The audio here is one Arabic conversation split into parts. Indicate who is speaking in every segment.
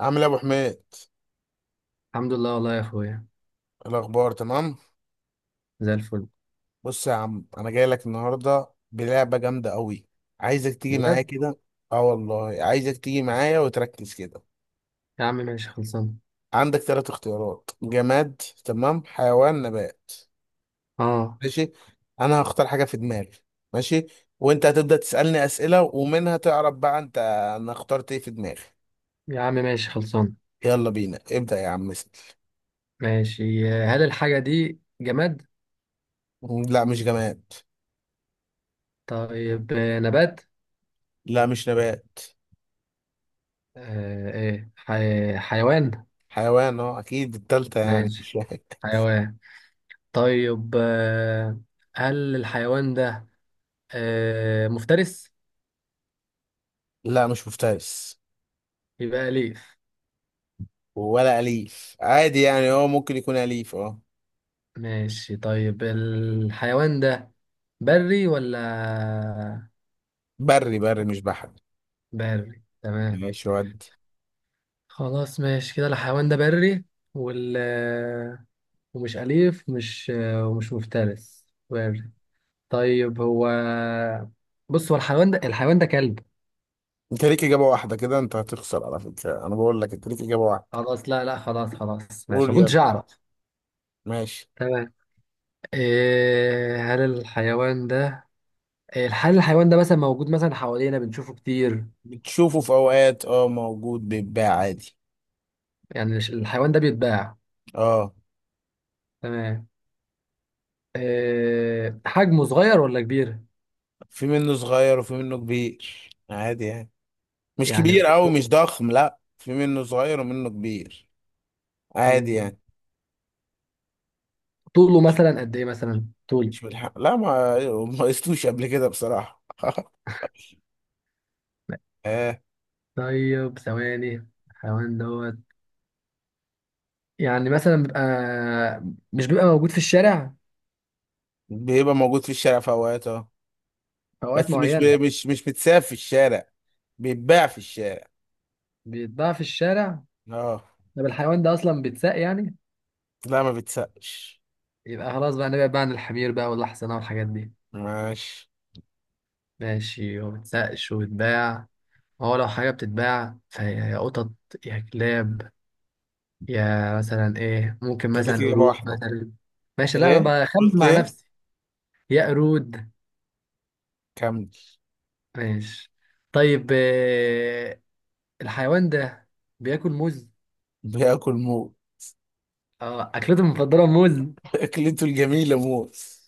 Speaker 1: عامل ايه يا ابو حميد؟
Speaker 2: الحمد لله والله يا اخويا.
Speaker 1: إيه الاخبار؟ تمام.
Speaker 2: زي الفل.
Speaker 1: بص يا عم، انا جاي لك النهارده بلعبه جامده قوي. عايزك تيجي معايا
Speaker 2: بجد
Speaker 1: كده. اه والله عايزك تيجي معايا وتركز كده.
Speaker 2: يا عم ماشي خلصان.
Speaker 1: عندك ثلاث اختيارات: جماد، تمام، حيوان، نبات.
Speaker 2: اه
Speaker 1: ماشي. انا هختار حاجه في دماغي. ماشي. وانت هتبدا تسالني اسئله ومنها تعرف بقى انت انا اخترت ايه في دماغي.
Speaker 2: يا عم ماشي خلصان.
Speaker 1: يلا بينا، ابدا يا عم، اسال.
Speaker 2: ماشي. هل الحاجة دي جماد؟
Speaker 1: لا، مش جماد.
Speaker 2: طيب نبات.
Speaker 1: لا، مش نبات.
Speaker 2: حيوان.
Speaker 1: حيوان، اه اكيد التالتة يعني
Speaker 2: ماشي
Speaker 1: مش.
Speaker 2: حيوان. طيب آه، هل الحيوان ده مفترس؟
Speaker 1: لا، مش مفترس.
Speaker 2: يبقى أليف.
Speaker 1: ولا أليف عادي، يعني هو ممكن يكون أليف، اه.
Speaker 2: ماشي، طيب الحيوان ده بري ولا؟
Speaker 1: بري، بري، مش بحري.
Speaker 2: بري، تمام.
Speaker 1: ماشي ودي.
Speaker 2: خلاص ماشي كده الحيوان ده بري وال ومش أليف ومش مفترس، بري. طيب هو، بص هو الحيوان ده، الحيوان ده كلب؟
Speaker 1: انت ليك إجابة واحدة كده، انت هتخسر على فكرة، انا بقول لك انت ليك إجابة واحدة.
Speaker 2: خلاص، لا، خلاص خلاص ماشي،
Speaker 1: قول
Speaker 2: ما
Speaker 1: يلا.
Speaker 2: كنتش أعرف.
Speaker 1: ماشي.
Speaker 2: تمام، إيه هل الحيوان ده إيه، هل الحيوان ده مثلا موجود مثلا حوالينا بنشوفه كتير؟
Speaker 1: بتشوفه في أوقات، اه موجود بيتباع عادي.
Speaker 2: يعني الحيوان ده بيتباع؟
Speaker 1: اه.
Speaker 2: تمام. إيه حجمه صغير ولا كبير؟
Speaker 1: في منه صغير وفي منه كبير. عادي يعني. مش
Speaker 2: يعني
Speaker 1: كبير أوي،
Speaker 2: كو-
Speaker 1: مش ضخم، لا في منه صغير ومنه كبير. عادي
Speaker 2: مم.
Speaker 1: يعني.
Speaker 2: طوله مثلا قد إيه؟ مثلا طول.
Speaker 1: مش بالحق، لا ما قستوش قبل كده بصراحة
Speaker 2: طيب ثواني، حيوان دوت، يعني مثلا بيبقى، مش بيبقى موجود في الشارع؟
Speaker 1: بيبقى موجود في الشارع في اوقات، اه
Speaker 2: في اوقات
Speaker 1: بس مش
Speaker 2: معينه
Speaker 1: بي... مش مش متساب في الشارع. بيتباع في الشارع.
Speaker 2: بيتباع في الشارع.
Speaker 1: اه.
Speaker 2: طب الحيوان ده اصلا بيتساق يعني؟
Speaker 1: لا، ما بيتسابش.
Speaker 2: يبقى خلاص بقى نبعد بقى عن الحمير بقى والاحصنه والحاجات دي.
Speaker 1: ماشي.
Speaker 2: ماشي، وما بيتسقش وبيتباع، هو لو حاجه بتتباع فهي يا قطط، يا كلاب، يا مثلا ايه، ممكن
Speaker 1: انت ليك
Speaker 2: مثلا
Speaker 1: اجابه
Speaker 2: قرود
Speaker 1: واحده.
Speaker 2: مثلا. ماشي، لا انا
Speaker 1: ايه
Speaker 2: بخمن
Speaker 1: قلت؟
Speaker 2: مع
Speaker 1: ايه؟
Speaker 2: نفسي. يا قرود.
Speaker 1: كمل.
Speaker 2: ماشي. طيب الحيوان ده بياكل موز؟
Speaker 1: بياكل موز
Speaker 2: اه اكلته المفضله موز.
Speaker 1: اكلته الجميله موز.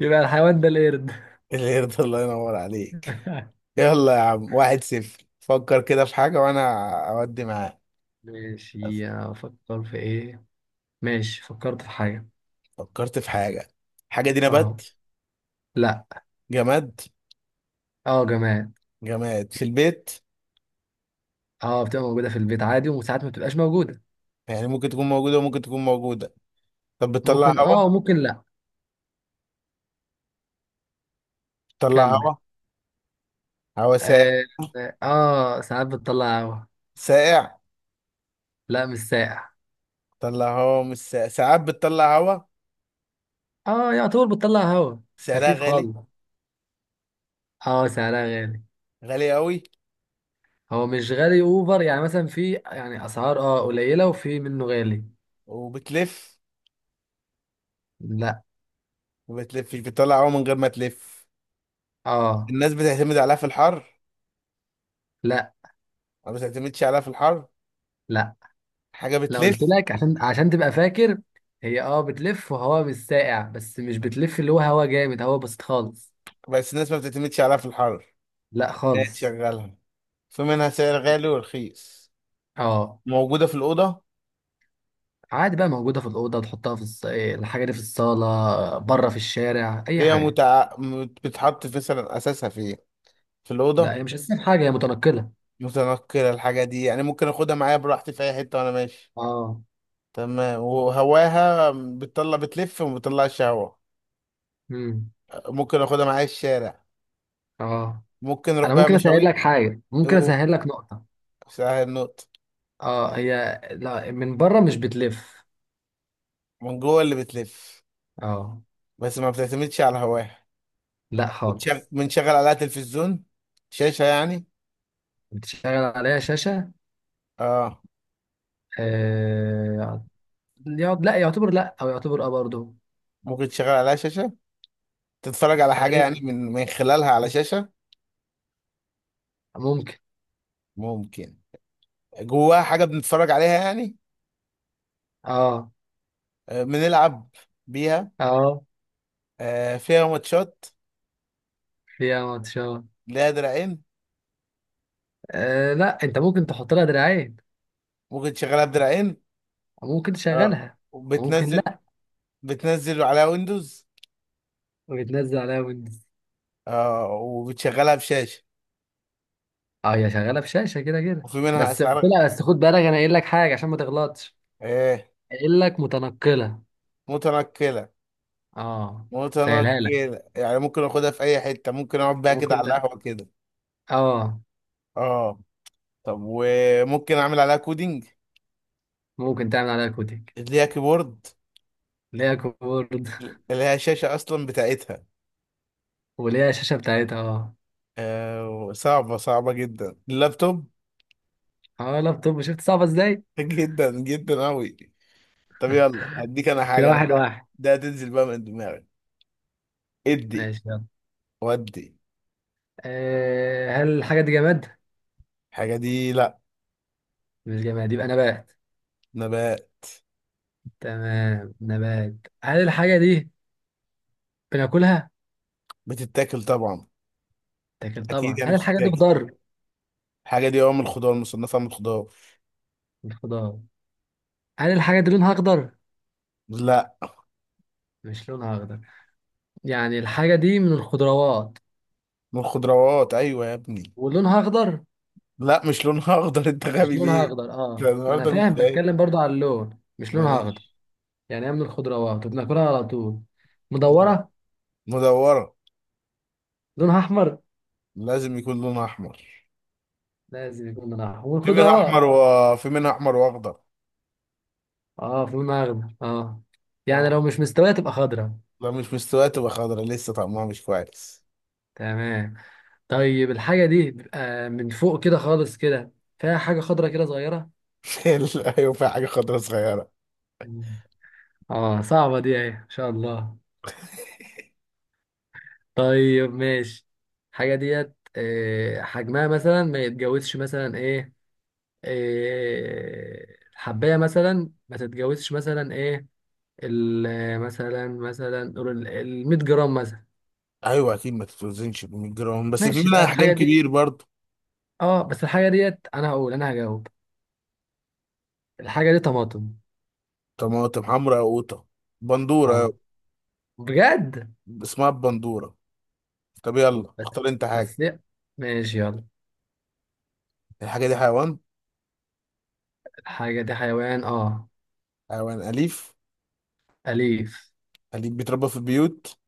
Speaker 2: يبقى الحيوان ده القرد.
Speaker 1: القرد. الله ينور عليك. يلا يا عم، واحد صفر. فكر كده في حاجه وانا اودي معاك.
Speaker 2: ماشي، افكر في ايه؟ ماشي، فكرت في حاجه.
Speaker 1: فكرت في حاجه. الحاجه دي نبات؟
Speaker 2: اه. لا.
Speaker 1: جماد.
Speaker 2: اه جماد.
Speaker 1: جماد في البيت.
Speaker 2: اه بتبقى موجوده في البيت عادي وساعات ما بتبقاش موجوده.
Speaker 1: يعني ممكن تكون موجوده وممكن تكون موجوده. طب بتطلع
Speaker 2: ممكن
Speaker 1: هوا؟
Speaker 2: اه، ممكن لا.
Speaker 1: بتطلع
Speaker 2: كمل.
Speaker 1: هوا. هوا ساقع.
Speaker 2: اه, آه ساعات بتطلع هوا.
Speaker 1: ساقع.
Speaker 2: لا مش ساقع.
Speaker 1: بتطلع هوا مش ساقع، ساعات بتطلع هوا.
Speaker 2: اه، يعتبر بتطلع هوا
Speaker 1: سعرها
Speaker 2: خفيف
Speaker 1: غالي.
Speaker 2: خالص. اه سعرها غالي.
Speaker 1: غالي قوي.
Speaker 2: هو مش غالي اوفر، يعني مثلا في يعني اسعار اه قليله وفي منه غالي.
Speaker 1: وبتلف.
Speaker 2: لا.
Speaker 1: ما بتلفش، بتطلع هوا من غير ما تلف.
Speaker 2: اه.
Speaker 1: الناس بتعتمد عليها في الحر.
Speaker 2: لا.
Speaker 1: ما بتعتمدش عليها في الحر.
Speaker 2: لا.
Speaker 1: حاجة
Speaker 2: لو قلت
Speaker 1: بتلف.
Speaker 2: لك عشان عشان تبقى فاكر، هي اه بتلف وهواء مش ساقع، بس مش بتلف اللي هو هواء جامد، هواء بسيط خالص.
Speaker 1: بس الناس ما بتعتمدش عليها في الحر.
Speaker 2: لا
Speaker 1: لا
Speaker 2: خالص.
Speaker 1: تشغلها. في منها سعر غالي ورخيص.
Speaker 2: اه.
Speaker 1: موجودة في الأوضة.
Speaker 2: عادي بقى موجودة في الأوضة، تحطها في إيه، الحاجة دي في الصالة، بره في الشارع، أي حاجة.
Speaker 1: بتحط في مثلا أساسها فين؟ في
Speaker 2: لا
Speaker 1: الأوضة.
Speaker 2: هي مش أساسية في حاجة، هي متنقلة.
Speaker 1: متنقلة الحاجة دي، يعني ممكن أخدها معايا براحتي في أي حتة وأنا ماشي.
Speaker 2: اه.
Speaker 1: تمام. وهواها بتطلع، بتلف وما بتطلعش هوا.
Speaker 2: امم.
Speaker 1: ممكن اخدها معايا الشارع.
Speaker 2: اه،
Speaker 1: ممكن اروح
Speaker 2: أنا
Speaker 1: بقى
Speaker 2: ممكن أسهل
Speaker 1: مشاوير.
Speaker 2: لك حاجة، ممكن
Speaker 1: اوه.
Speaker 2: أسهل لك نقطة.
Speaker 1: سهل النقط.
Speaker 2: اه هي، لا من بره مش بتلف.
Speaker 1: من جوه اللي بتلف.
Speaker 2: اه.
Speaker 1: بس ما بتعتمدش على هواها.
Speaker 2: لا خالص.
Speaker 1: بنشغل عليها تلفزيون. شاشة يعني.
Speaker 2: بتشتغل عليها شاشة.
Speaker 1: اه.
Speaker 2: آه، لا يعتبر، لا او يعتبر اه برضه.
Speaker 1: ممكن تشغل عليها شاشة. تتفرج على حاجة يعني
Speaker 2: تقريبا.
Speaker 1: من خلالها على شاشة.
Speaker 2: ممكن.
Speaker 1: ممكن. جواها حاجة بنتفرج عليها يعني.
Speaker 2: اه.
Speaker 1: آه، بنلعب بيها.
Speaker 2: اه،
Speaker 1: آه، فيها ماتشات.
Speaker 2: فيها ماتشات.
Speaker 1: ليها دراعين.
Speaker 2: آه لا، انت ممكن تحط لها دراعين.
Speaker 1: ممكن تشغلها بدراعين.
Speaker 2: ممكن
Speaker 1: اه.
Speaker 2: تشغلها. ممكن
Speaker 1: وبتنزل.
Speaker 2: لا.
Speaker 1: بتنزل على ويندوز.
Speaker 2: وبتنزل عليها ويندوز.
Speaker 1: آه وبتشغلها بشاشة.
Speaker 2: اه هي شغاله بشاشه كده كده،
Speaker 1: وفي منها
Speaker 2: بس قلت
Speaker 1: أسعار.
Speaker 2: لها بس خد بالك انا قايل لك حاجه عشان ما تغلطش.
Speaker 1: إيه؟
Speaker 2: قايل لك متنقله.
Speaker 1: متنقلة.
Speaker 2: اه. سهلها لك.
Speaker 1: متنقلة يعني ممكن آخدها في أي حتة، ممكن أقعد بيها كده
Speaker 2: ممكن
Speaker 1: على
Speaker 2: ده.
Speaker 1: القهوة كده.
Speaker 2: اه.
Speaker 1: آه. طب وممكن أعمل عليها كودينج؟
Speaker 2: ممكن تعمل عليها كوتك.
Speaker 1: اللي هي كيبورد.
Speaker 2: ليها كيبورد.
Speaker 1: اللي هي شاشة أصلا بتاعتها.
Speaker 2: وليها شاشه بتاعتها اه.
Speaker 1: آه، صعبة، صعبة جدا، اللابتوب
Speaker 2: اه لابتوب، شفت صعبه ازاي.
Speaker 1: جدا جدا أوي. طب يلا هديك أنا
Speaker 2: كده
Speaker 1: حاجة أنا
Speaker 2: واحد
Speaker 1: بقى
Speaker 2: واحد.
Speaker 1: ده تنزل بقى من دماغي. ادي.
Speaker 2: ماشي،
Speaker 1: ودي.
Speaker 2: هل الحاجة دي جماد؟
Speaker 1: الحاجة دي لأ.
Speaker 2: مش جماد يبقى نبات.
Speaker 1: نبات.
Speaker 2: تمام نبات. هل الحاجة دي بناكلها؟
Speaker 1: بتتاكل طبعا.
Speaker 2: تاكل
Speaker 1: اكيد
Speaker 2: طبعا،
Speaker 1: يعني
Speaker 2: هل الحاجة دي
Speaker 1: بتتاكل.
Speaker 2: خضار؟
Speaker 1: الحاجه دي اه من الخضار، مصنفه من الخضار.
Speaker 2: مش خضار، هل الحاجة دي لونها أخضر؟
Speaker 1: لا،
Speaker 2: مش لونها أخضر، يعني الحاجة دي من الخضروات
Speaker 1: من الخضروات ايوه يا ابني.
Speaker 2: ولونها أخضر؟
Speaker 1: لا مش لونها اخضر انت
Speaker 2: مش
Speaker 1: غبي
Speaker 2: لونها
Speaker 1: ليه؟
Speaker 2: أخضر،
Speaker 1: إحنا
Speaker 2: اه ما أنا
Speaker 1: النهارده مش
Speaker 2: فاهم
Speaker 1: فايق.
Speaker 2: بتكلم برضو على اللون، مش لونها أخضر.
Speaker 1: ماشي.
Speaker 2: يعني هي من الخضروات وبناكلها على طول،
Speaker 1: طيب.
Speaker 2: مدورة،
Speaker 1: مدوره.
Speaker 2: لونها أحمر؟
Speaker 1: لازم يكون لونها احمر.
Speaker 2: لازم يكون لونها أحمر
Speaker 1: في منها احمر
Speaker 2: والخضروات.
Speaker 1: وفي منها احمر واخضر.
Speaker 2: اه في لونها أخضر اه، يعني
Speaker 1: اه،
Speaker 2: لو مش مستوية تبقى خضرا.
Speaker 1: لو مش مستويه تبقى خضرا لسه طعمها مش كويس.
Speaker 2: تمام. طيب الحاجة دي بيبقى من فوق كده خالص كده فيها حاجة خضرة كده صغيرة؟
Speaker 1: ايوه، في حاجه خضرا صغيره.
Speaker 2: مم. اه صعبة دي اهي ان شاء الله. طيب ماشي، الحاجة ديت حجمها مثلا ما يتجاوزش مثلا ايه، آه، الحباية مثلا ما تتجاوزش مثلا ايه، مثلا مثلا قول ال 100 جرام مثلا.
Speaker 1: ايوه اكيد ما تتوزنش ب 100 جرام، بس في
Speaker 2: ماشي
Speaker 1: منها
Speaker 2: يبقى
Speaker 1: احجام
Speaker 2: الحاجة دي
Speaker 1: كبير برضه.
Speaker 2: اه، بس الحاجة ديت انا هقول انا هجاوب، الحاجة دي طماطم.
Speaker 1: طماطم حمراء، قوطه، بندوره.
Speaker 2: آه. بجد.
Speaker 1: اسمها البندورة. طب يلا
Speaker 2: بس
Speaker 1: اختار انت حاجة.
Speaker 2: بس ماشي يلا.
Speaker 1: الحاجة دي حيوان.
Speaker 2: حاجة دي حيوان؟ اه
Speaker 1: حيوان أليف.
Speaker 2: أليف.
Speaker 1: أليف بيتربى في البيوت.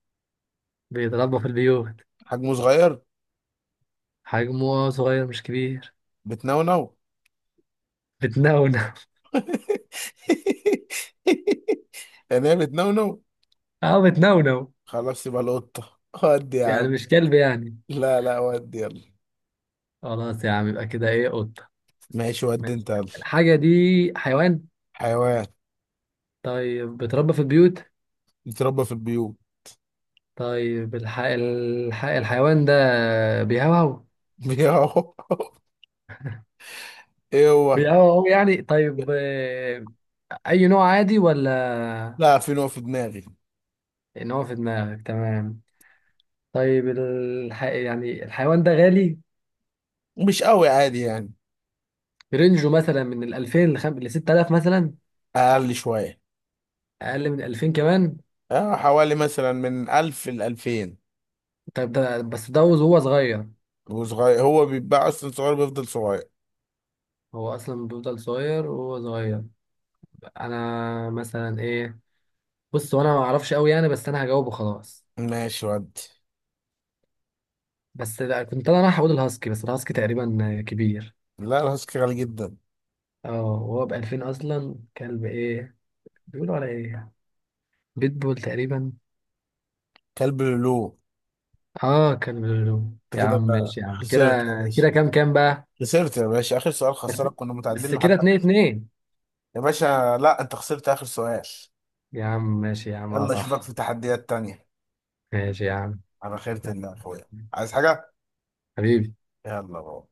Speaker 2: بيتربى في البيوت.
Speaker 1: حجمه صغير.
Speaker 2: حجمه صغير مش كبير.
Speaker 1: بتنونو
Speaker 2: بتنونو؟
Speaker 1: يعني هي بتنونو.
Speaker 2: اه بتنونو.
Speaker 1: خلاص يبقى القطة، ودي يا
Speaker 2: يعني
Speaker 1: عم.
Speaker 2: مش كلب يعني؟
Speaker 1: لا لا، ودي يلا.
Speaker 2: خلاص يا عم يبقى كده ايه، قطة.
Speaker 1: ماشي ودي
Speaker 2: ماشي،
Speaker 1: انت يلا.
Speaker 2: الحاجة دي حيوان.
Speaker 1: حيوان.
Speaker 2: طيب بيتربى في البيوت.
Speaker 1: بيتربى في البيوت.
Speaker 2: طيب الحيوان ده بيهوهو؟
Speaker 1: بيهو. ايه هو؟
Speaker 2: بيهوهو يعني، طيب أي نوع عادي ولا؟
Speaker 1: لا، في نوع في دماغي.
Speaker 2: نوع في دماغك، تمام. طيب يعني الحيوان ده غالي؟
Speaker 1: مش قوي، عادي يعني.
Speaker 2: رينجه مثلا من ال 2000 ل 6000 مثلا؟
Speaker 1: أقل شوية.
Speaker 2: اقل من 2000 كمان؟
Speaker 1: اه حوالي مثلا من ألف لألفين.
Speaker 2: طب ده بس ده وهو صغير؟
Speaker 1: وصغير، هو بيتباع اصلا صغير، بيفضل صغير.
Speaker 2: هو اصلا بيفضل صغير وهو صغير. انا مثلا ايه، بص وانا ما اعرفش قوي يعني، بس انا هجاوبه خلاص.
Speaker 1: ماشي ودي.
Speaker 2: بس لا، كنت انا رايح اقول الهاسكي، بس الهاسكي تقريبا كبير.
Speaker 1: لا الهاسكي غالي جدا.
Speaker 2: اه وهو ب 2000 اصلا، كلب ايه بيقولوا على ايه، بيتبول تقريبا.
Speaker 1: كلب لولو.
Speaker 2: اه كلب لولو
Speaker 1: انت
Speaker 2: يا
Speaker 1: كده
Speaker 2: عم،
Speaker 1: بقى
Speaker 2: ماشي يا عم كده.
Speaker 1: خسرت يا باشا.
Speaker 2: كده كام كام بقى؟
Speaker 1: خسرت يا باشا اخر سؤال،
Speaker 2: بس
Speaker 1: خسرك، كنا متعادلين
Speaker 2: بس، كده
Speaker 1: لحد.
Speaker 2: اتنين اتنين.
Speaker 1: يا باشا لا، انت خسرت اخر سؤال.
Speaker 2: يا عم ماشي يا عم، اه
Speaker 1: يلا اشوفك
Speaker 2: صح.
Speaker 1: في تحديات تانية.
Speaker 2: ماشي يا عم.
Speaker 1: على خيرة
Speaker 2: يلا.
Speaker 1: الله يا اخويا. عايز حاجة؟
Speaker 2: حبيبي.
Speaker 1: يلا بابا.